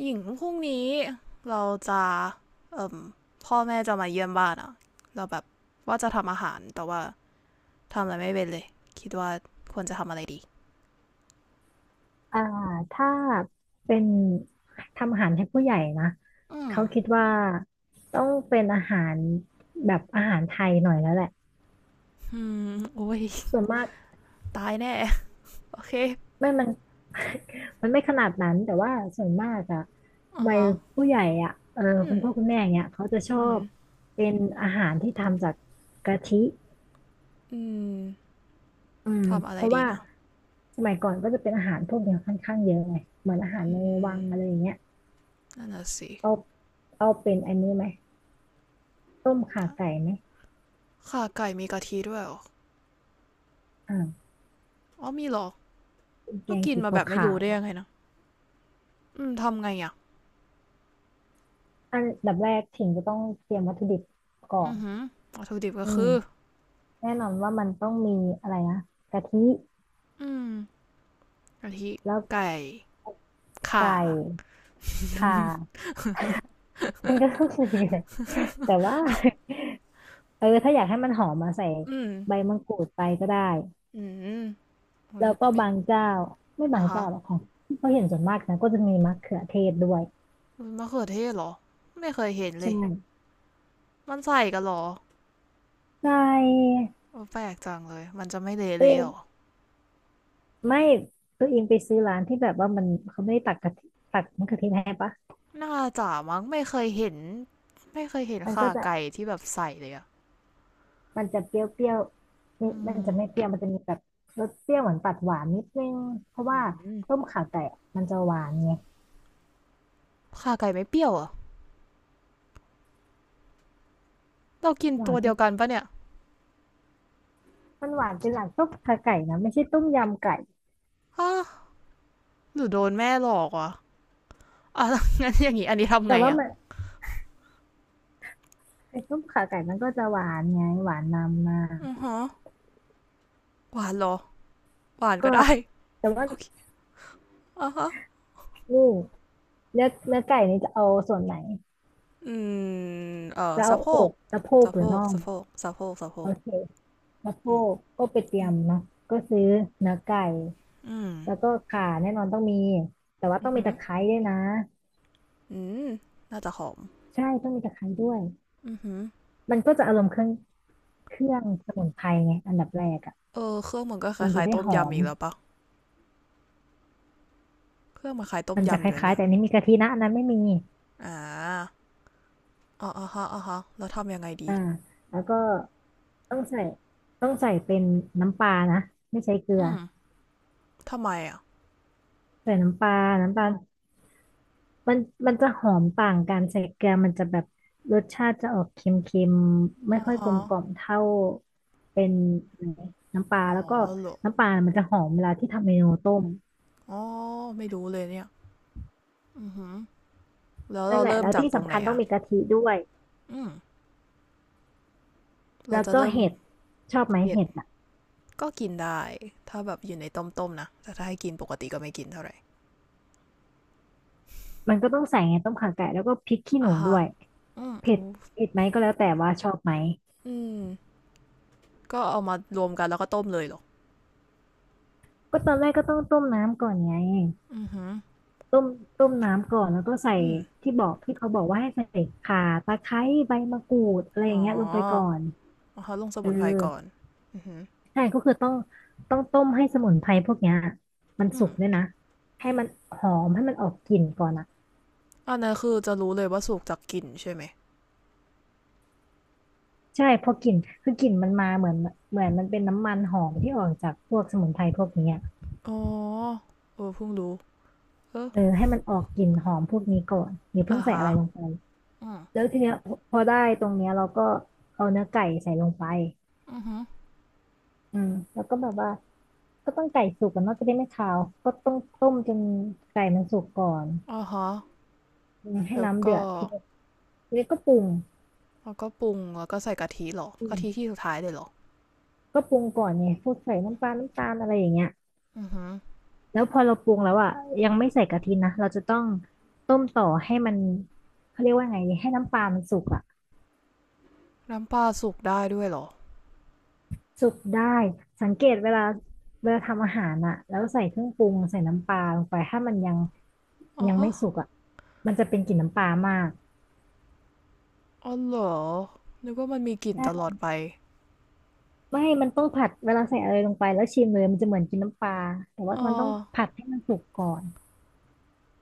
หญิงพรุ่งนี้เราจะเอ่มพ่อแม่จะมาเยี่ยมบ้านอะเราแบบว่าจะทำอาหารแต่ว่าทำอะไรไม่เป็นเลยคิดว่าควรจะทำอะไรดีอ่าถ้าเป็นทำอาหารให้ผู้ใหญ่นะอืมเขาคิดว่าต้องเป็นอาหารแบบอาหารไทยหน่อยแล้วแหละอืมโอ้ยส่วนมากตายแน่โอเคไม่มัน มันไม่ขนาดนั้นแต่ว่าส่วนมากอะอ่ะวัยฮะผู้ใหญ่อะเอออืคุณพ่อคุณมแม่อย่างเงี้ยเขาจะชอือมบเป็นอาหารที่ทำจากกะทิอืมอืมทำอะเพไรราะดีว่านะสมัยก่อนก็จะเป็นอาหารพวกเนี้ยค่อนข้างเยอะไงเหมือนอาหารอืในมวังอะไรอย่างเงี้ยนั่นน่ะสิเอาเอาเป็นอันนี้ไหมต้มข่าไก่ไหม ข่าไก่มีกะทิด้วยเหรออ่าอ๋อมีเหรอเป็นแกก็งกินสีมาแบบไม่ขารู้วได้ยังไงนะอืมทำไงอ่ะๆอันดับแรกถิ่นจะต้องเตรียมวัตถุดิบก่ออืนอหือวัตถุดิบก็อืมคือแน่นอนว่ามันต้องมีอะไรนะกะทิอืมกะทิแล้วไก่ข่า ไก่ข่ามันก็ต้องมีแหละแต่ว่า เออถ้าอยากให้มันหอมมาใส่อืมใบมะกรูดไปก็ได้อืมโอ้แล้ยวก็ไม่บางเจ้าไม่บาอ่ะงฮะเจ้าหรอกของที่เขาเห็นส่วนมากนะก็จะมีมะเขือเทศด้วยมันมะเขือเทศเหรอ ไม่เคยเห็นเลใช่ย มันใส่กันเหรอใช่โอ้แปลกจังเลย มันจะไม่เละตัเลวยเองเหรอไม่ตัวเองไปซื้อร้านที่แบบว่ามันเขาไม่ได้ตักกะทิตักมะเขือเทศให้ปะน่าจะมั้งไม่เคยเห็น ไม่เคยเห็นมันข่าก็จะ ไก่ที่แบบใส่เลยอะมันจะเปรี้ยวๆนี่อืมันมจะไม่เปรี้ยวมันจะมีแบบรสเปรี้ยวเหมือนตัดหวานนิดนึงเพราะว่าอืมต้มข่าไก่อะมันจะหวานไงข่าไก่ไม่เปรี้ยวเหรอ่ะ เรากินหวาตันวเดีเป็ยวกันนปะเนี่ยมันหวานเป็นหลักต้มข่าไก่นะไม่ใช่ต้มยำไก่ฮะหรือโดนแม่หลอกวะอ่ะแ้วงั้นอย่างงี้อันนี้ทำแต่ไงว่าอ่ะมันไอ้ต้มข่าไก่มันก็จะหวานไงหวานนำมาอือฮะหวานเหรอ หวานก็ก็ได้แต่ว่าโอเคอ่ะฮะ นี่เนื้อไก่นี่จะเอาส่วนไหนอืมจะสะเอาโพอกกสะโพกสะหโพรือกน่องสะโพกสะโพกสะโพโอกเคสะโพอืมกก็ไปเตรีอืยม มเนาะก็ซื้อเนื้อไก่อืมแล้วก็ข่าแน่นอนต้องมีแต่ว่าอืต้อองมีหือตะไคร้ด้วยนะ อืมน่าจะหอมใช่ต้องมีตะไคร้ด้วยอือหือมันก็จะอารมณ์เครื่องเครื่องสมุนไพรไงอันดับแรกอ่ะเออเครื่องมันก็คมันจะล้ายได้ๆต้มหอยำมอีกแล้วปะเครื่องมันคล้ายต้มมันจะยำคอยู่นะล้ายๆเนี่ยแต่อันนี้มีกะทินะอันนั้นไม่มีอ่าอ๋ออ๋อฮะอ๋อฮะแล้วทำยังไงดีอ่าแล้วก็ต้องใส่ต้องใส่เป็นน้ำปลานะไม่ใช้เกลืออืมทำไมอ่ะใส่น้ำปลาน้ำปลามันมันจะหอมต่างกันใส่เกลือมันจะแบบรสชาติจะออกเค็มๆไม่อ๋อค่อยกลฮะมกล่อมเท่าเป็นอะไรน้ำปลาอ๋อแล้วก็เหรอน้ำปลามันจะหอมเวลาที่ทำเมนูต้มอ๋อไม่รู้เลยเนี่ยอือหือแล้วนั่เรานแหละเริ่มแล้วจากที่ตรงสำไหนคัญต้องอ่ะมีกะทิด้วย อืมเราแล้วจะก็เริ่มเห็ดชอบไหมเผ็ดเห็ดอ่ะก็กินได้ถ้าแบบอยู่ในต้มๆนะแต่ถ้าให้กินปกติก็ไม่กินเท่าไหร่ มันก็ต้องใส่ไงต้มข่าไก่แล้วก็พริกขี้หอ่ะนูด้ฮะวยอืมเผ็โอ้ดเผ็ดไหมก็แล้วแต่ว่าชอบไหมอืม ก็เอามารวมกันแล้วก็ต้มเลยเหรอ ก็ตอนแรกก็ต้องต้มน้ำก่อนไงอือหือต้มต้มน้ำก่อนแล้วก็ใส่อืม ที่เขาบอกว่าให้ใส่ข่าตะไคร้ใบมะกรูดอะไรออ๋ย่าองเงี้ยลงไปก่อนเอาเขาลงสเออมุนไพรก่อน อือหือใช่ก็คือต้องต้มให้สมุนไพรพวกเนี้ยมันอืสุมกด้วยนะให้มันหอมให้มันออกกลิ่นก่อนอ่ะอันนั้นคือจะรู้เลยว่าสุกจากกลิ่นใช่ไหมใช่พอกลิ่นคือกลิ่นมันมาเหมือนเหมือนมันเป็นน้ำมันหอมที่ออกจากพวกสมุนไพรพวกเนี้ย อ๋อเออเพิ่งรู้เออเออให้มันออกกลิ่นหอมพวกนี้ก่อนอย่าเพิ่อ่ะงใส่ฮะอะไรลงไปอืม แล้วทีเนี้ยพอได้ตรงเนี้ยเราก็เอาเนื้อไก่ใส่ลงไปอือหืออืมแล้วก็แบบว่าก็ต้องไก่สุกกันเนาะจะได้ไม่คาวก็ต้องต้มจนไก่มันสุกก่อนอ่ะฮะอืมให้แล้วน้ำเดืก็อดทีเดียวแล้วก็ปรุงแล้วก็ปรุงแล้วก็ใส่กะทิเหรออืกะมทิที่สุดท้ายเลยเหรอก็ปรุงก่อนไงพวกใส่น้ำปลาน้ำตาลอะไรอย่างเงี้ยอือหือแล้วพอเราปรุงแล้วอ่ะยังไม่ใส่กะทินะเราจะต้องต้มต่อให้มันเขาเรียกว่าไงดีให้น้ำปลามันสุกอ่ะ น้ำปลาสุกได้ด้วยเหรอสุกได้สังเกตเวลาเวลาทำอาหารอะแล้วใส่เครื่องปรุงใส่น้ำปลาลงไปถ้ามันอ๋อยังไม่ฮะสุกอะมันจะเป็นกลิ่นน้ำปลามากอ๋อเหรอนึกว่ามันมีกลิ่นตลใช่อดไปไม่มันต้องผัดเวลาใส่อะไรลงไปแล้วชิมเลยมันจะเหมือนกินน้ำปลาแต่ว่าอ๋อ มันต้องผัดให้มันสุกก่อน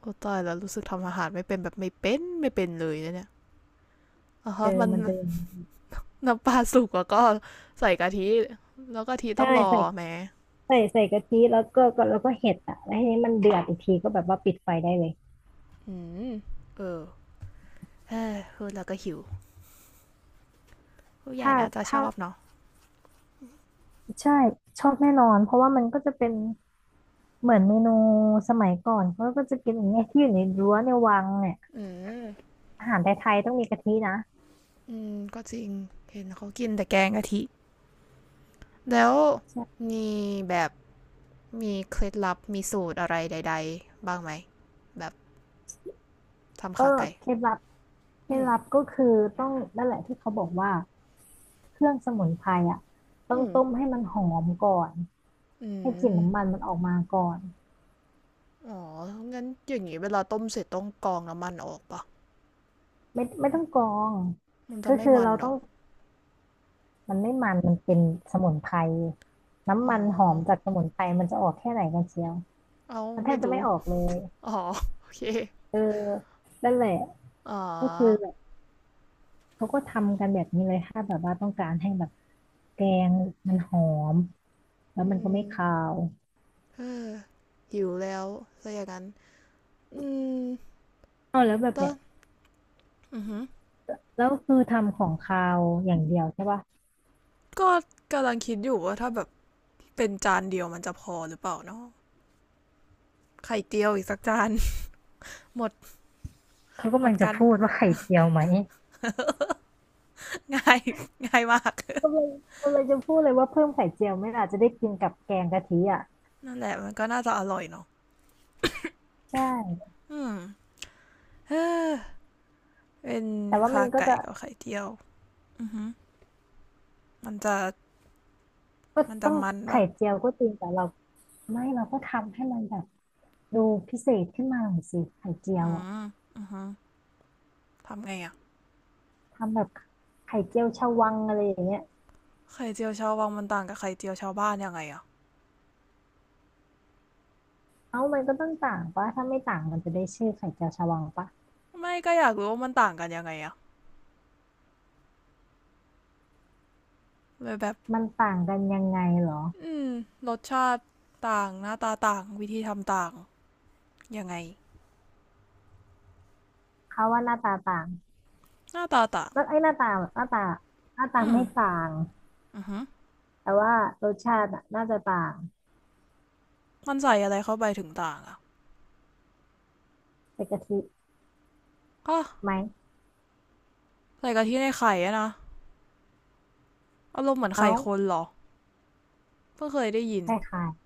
โอ้ตายแล้วรู้สึกทำอาหารไม่เป็นแบบไม่เป็นไม่เป็นเลยนะเนี่ยอ๋เอออมันมันจะน้ำปลาสุกแล้วก็ใส่กะทิแล้วกะทิต้ใช่องรอใส่แหมใส่กะทิแล้วก็แล้วก็เห็ดอะแล้วทีนี้มันเดือดอีกทีก็แบบว่าปิดไฟได้เลยอืมเออเออพูดแล้วก็หิวผู้ใหญ่ถ้าน่าจะชถ้าอบเนาะใช่ชอบแน่นอนเพราะว่ามันก็จะเป็น เหมือนเมนูสมัยก่อนเขาก็จะกินอย่างเงี้ยที่อยู่ในรั้วในวังเนี่ยอืม อาหารไทยๆต้องมีกะทินะอืม ก็จริง เห็นเขากินแต่แกงกะทิ แล้วใช่มีแบบมีเคล็ดลับมีสูตรอะไรใดๆบ้างไหม แบบทำก็ขาไก่เคล็ดลับเคล็อืดมลับก็คือต้องนั่นแหละที่เขาบอกว่าเครื่องสมุนไพรอ่ะต้ออืงมต้มให้มันหอมก่อนอืให้กลิ่นน้ำมัม นมันออกมาก่อนอ๋องั้นอย่างนี้เวลาต้มเสร็จต้องกรองน้ำมันออกปะ ไม่ต้องกรองมันจะก็ไม่คือมันเราเหรต้ออ งมันไม่มันมันเป็นสมุนไพรน้ำอ๋มัอ นหอมจากสมุนไพรมันจะออกแค่ไหนกันเชียวเอามันแทไม่บจะดู ไม่ออกเลยอ๋อ โอเค เออนั่นแหละอ๋อ ก็คือ เขาก็ทำกันแบบนี้เลยถ้าแบบว่าต้องการให้แบบแกงมันหอมแล้วอืมันก็ไม่มคาวเออหิวแล้วซะอย่างนั้นอืมเอาแล้วแบบต็เนี้ยอือหืแล้วคือทำของคาวอย่างเดียวใช่ปะก็กำลังคิดอยู่ว่าถ้าแบบเป็นจานเดียวมันจะพอหรือเปล่าเนาะไข่เจียวอีกสักจาน หมด เขาหมกำลัดงจะกัน พูดว่าไข่เจียวไหม ง่าย ง่ายมาก กำลังกำลังจะพูดเลยว่าเพิ่มไข่เจียวไหม่อาจจะได้กินกับแกงกะทิอ่ะนั่นแหละมันก็น่าจะอร่อยเนาะใช่อืมเออเป็นแต่ว่ามัขานก็ไก่จะกับไข่เจียวอือหึมันจะก็ต้องมันปะไข่เจียวก็จริงแต่เราไม่เราก็ทำให้มันแบบดูพิเศษขึ้นมาหน่อยสิไข่เจียวอือ่ะมอือหึทำไงอะ ทำแบบไข่เจียวชวังอะไรอย่างเงี้ย ไข่เจียวชาววังมันต่างกับไข่เจียวชาวบ้านยังไงอะเอ้ามันก็ต้องต่างปะถ้าไม่ต่างมันจะได้ชื่อไข่เจียวชวาปะไม่ก็อยากรู้ว่ามันต่างกันยังไงอะเลยแบบมันต่างกันยังไงเหรออืมรสชาติต่างหน้าตาต่างวิธีทำต่างยังไงเขาว่าหน้าตาต่างหน้าตาต่างแล้วไอ้หน้าตาหน้าตาหน้าตาอืมไม่ต่างอือฮึแต่ว่ารสชาติอะน่าจะต่างมันใส่อะไรเข้าไปถึงต่างอะใส่กะทิก็ไหมใส่กะทิในไข่อะนะอารมณ์เหมือนเอ้าไข่คนเหรอเพิ่งเคยได้ยินใช่ค่ะ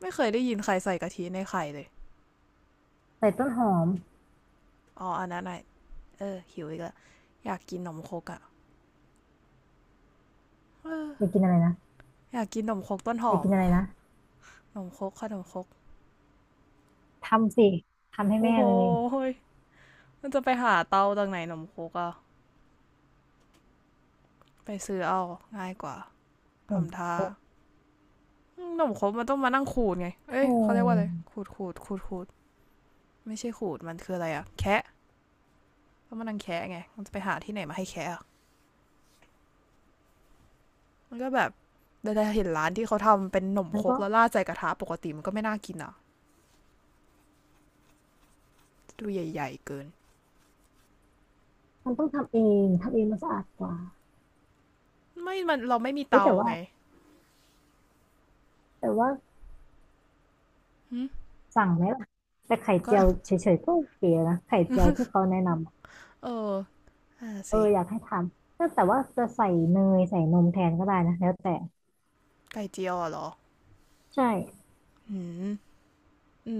ไม่เคยได้ยินใครใส่กะทิในไข่เลยใส่ต้นหอมอ๋ออันนั้นไงเออหิวอีกแล้วอยากกินขนมครกอะอยากอกินอะไรนะยากกินขนมครกต้นหอยาอกมกินอะไรนะ ขนมครกขนมครกทำสิทำให้โอ้แม่โหเลยย มันจะไปหาเตาจากไหนหนมโคกอะไปซื้อเอาง่ายกว่าหนมทำท่าโอ้หนมโคกมันต้องมานั่งขูดไงโเอ้ยเขาเรียกว่าอะไรหขูดขูดขูดขูดไม่ใช่ขูดมันคืออะไรอะแคะต้องมานนั่งแคะไงมันจะไปหาที่ไหนมาให้แคะอะมันก็แบบได้เห็นร้านที่เขาทำเป็นหนมมัโคนกก็แล้วราดใส่กระทะปกติมันก็ไม่น่ากินอะดูใหญ่ๆเกินต้องทำเองทำเองมันสะอาดกว่าไม่มันเราไม่มีเอ๊ะเตาแต่ว่าไงแต่ว่า สั่งไหมล่ะแต่ไข่ก็ เจียวเฉยๆก็โอเคนะไข่เจียวที่เขาแนะนำอะ เออน่ะเออสิอยากให้ทำแต่แต่ว่าจะใส่เนยใส่นมแทนก็ได้นะแล้วแต่ไก่เจียวอะเหรอใช่อืม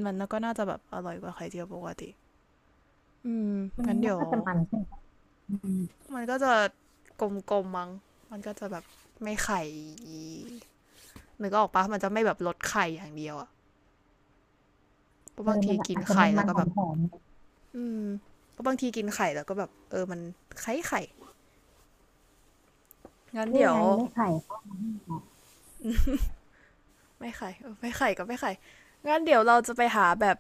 มันแล้วก็น่าจะแบบอร่อยกว่าไข่เจียวปกติ อืมงั้นมัเดี๋นยวน่าจะมันขึ้นอืมมันก็จะกลมๆมั้งมันก็จะแบบไม่ไข่นึกออกปะมันจะไม่แบบลดไข่อย่างเดียวอะเพราะเออบางทีมันกินอาจจะไข่มันแล้วก็หอแบมบหอมอืมเพราะบางทีกินไข่แล้วก็แบบเออมันไข่ไข่งั้นๆนี่เดี๋ยว ไงไม่ไข่ก็มาให้เรา ไม่ไข่เออไม่ไข่ก็ไม่ไข่งั้นเดี๋ยวเราจะไปหาแบบ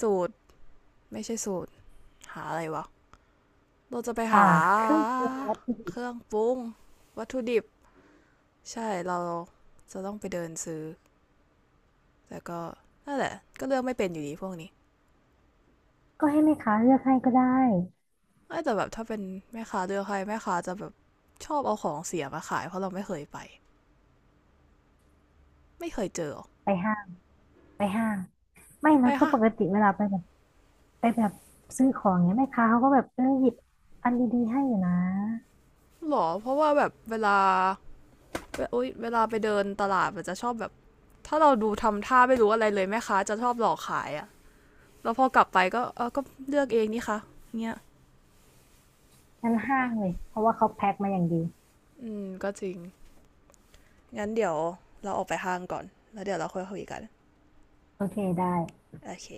สูตรไม่ใช่สูตรหาอะไรวะเราจะไปอ่าหาเครื่องปรุงวัตถุดิเคบรื่องปรุงวัตถุดิบใช่เราจะต้องไปเดินซื้อ แต่ก็นั่นแหละก็เลือกไม่เป็นอยู่ดีพวกนี้ก็ให้แม่ค้าเลือกให้ก็ได้แต่แบบถ้าเป็นแม่ค้าเลือกใครแม่ค้าจะแบบชอบเอาของเสียมาขายเพราะเราไม่เคยไปไม่เคยเจอไปห้างไปห้างไม่ไปนะเพราะค่ะปกติเวลาไปแบบไปแบบซื้อของเนี้ยแม่ค้าเขาก็แบบเออหยิบอันดีๆให้อยู่นะหรอเพราะว่าแบบเวลาเวลาไปเดินตลาดมันจะชอบแบบถ้าเราดูทำท่าไม่รู้อะไรเลยแม่ค้าจะชอบหลอกขายอะแล้วพอกลับไปก็เออก็เลือกเองนี่คะเงี้ยงั้นห้าแม่งเลยเพราะว่าเขาแพ็คมาอย่างดีอืมก็จริงงั้นเดี๋ยวเราออกไปห้างก่อนแล้วเดี๋ยวเราค่อยคุยกันโอเคได้โอเค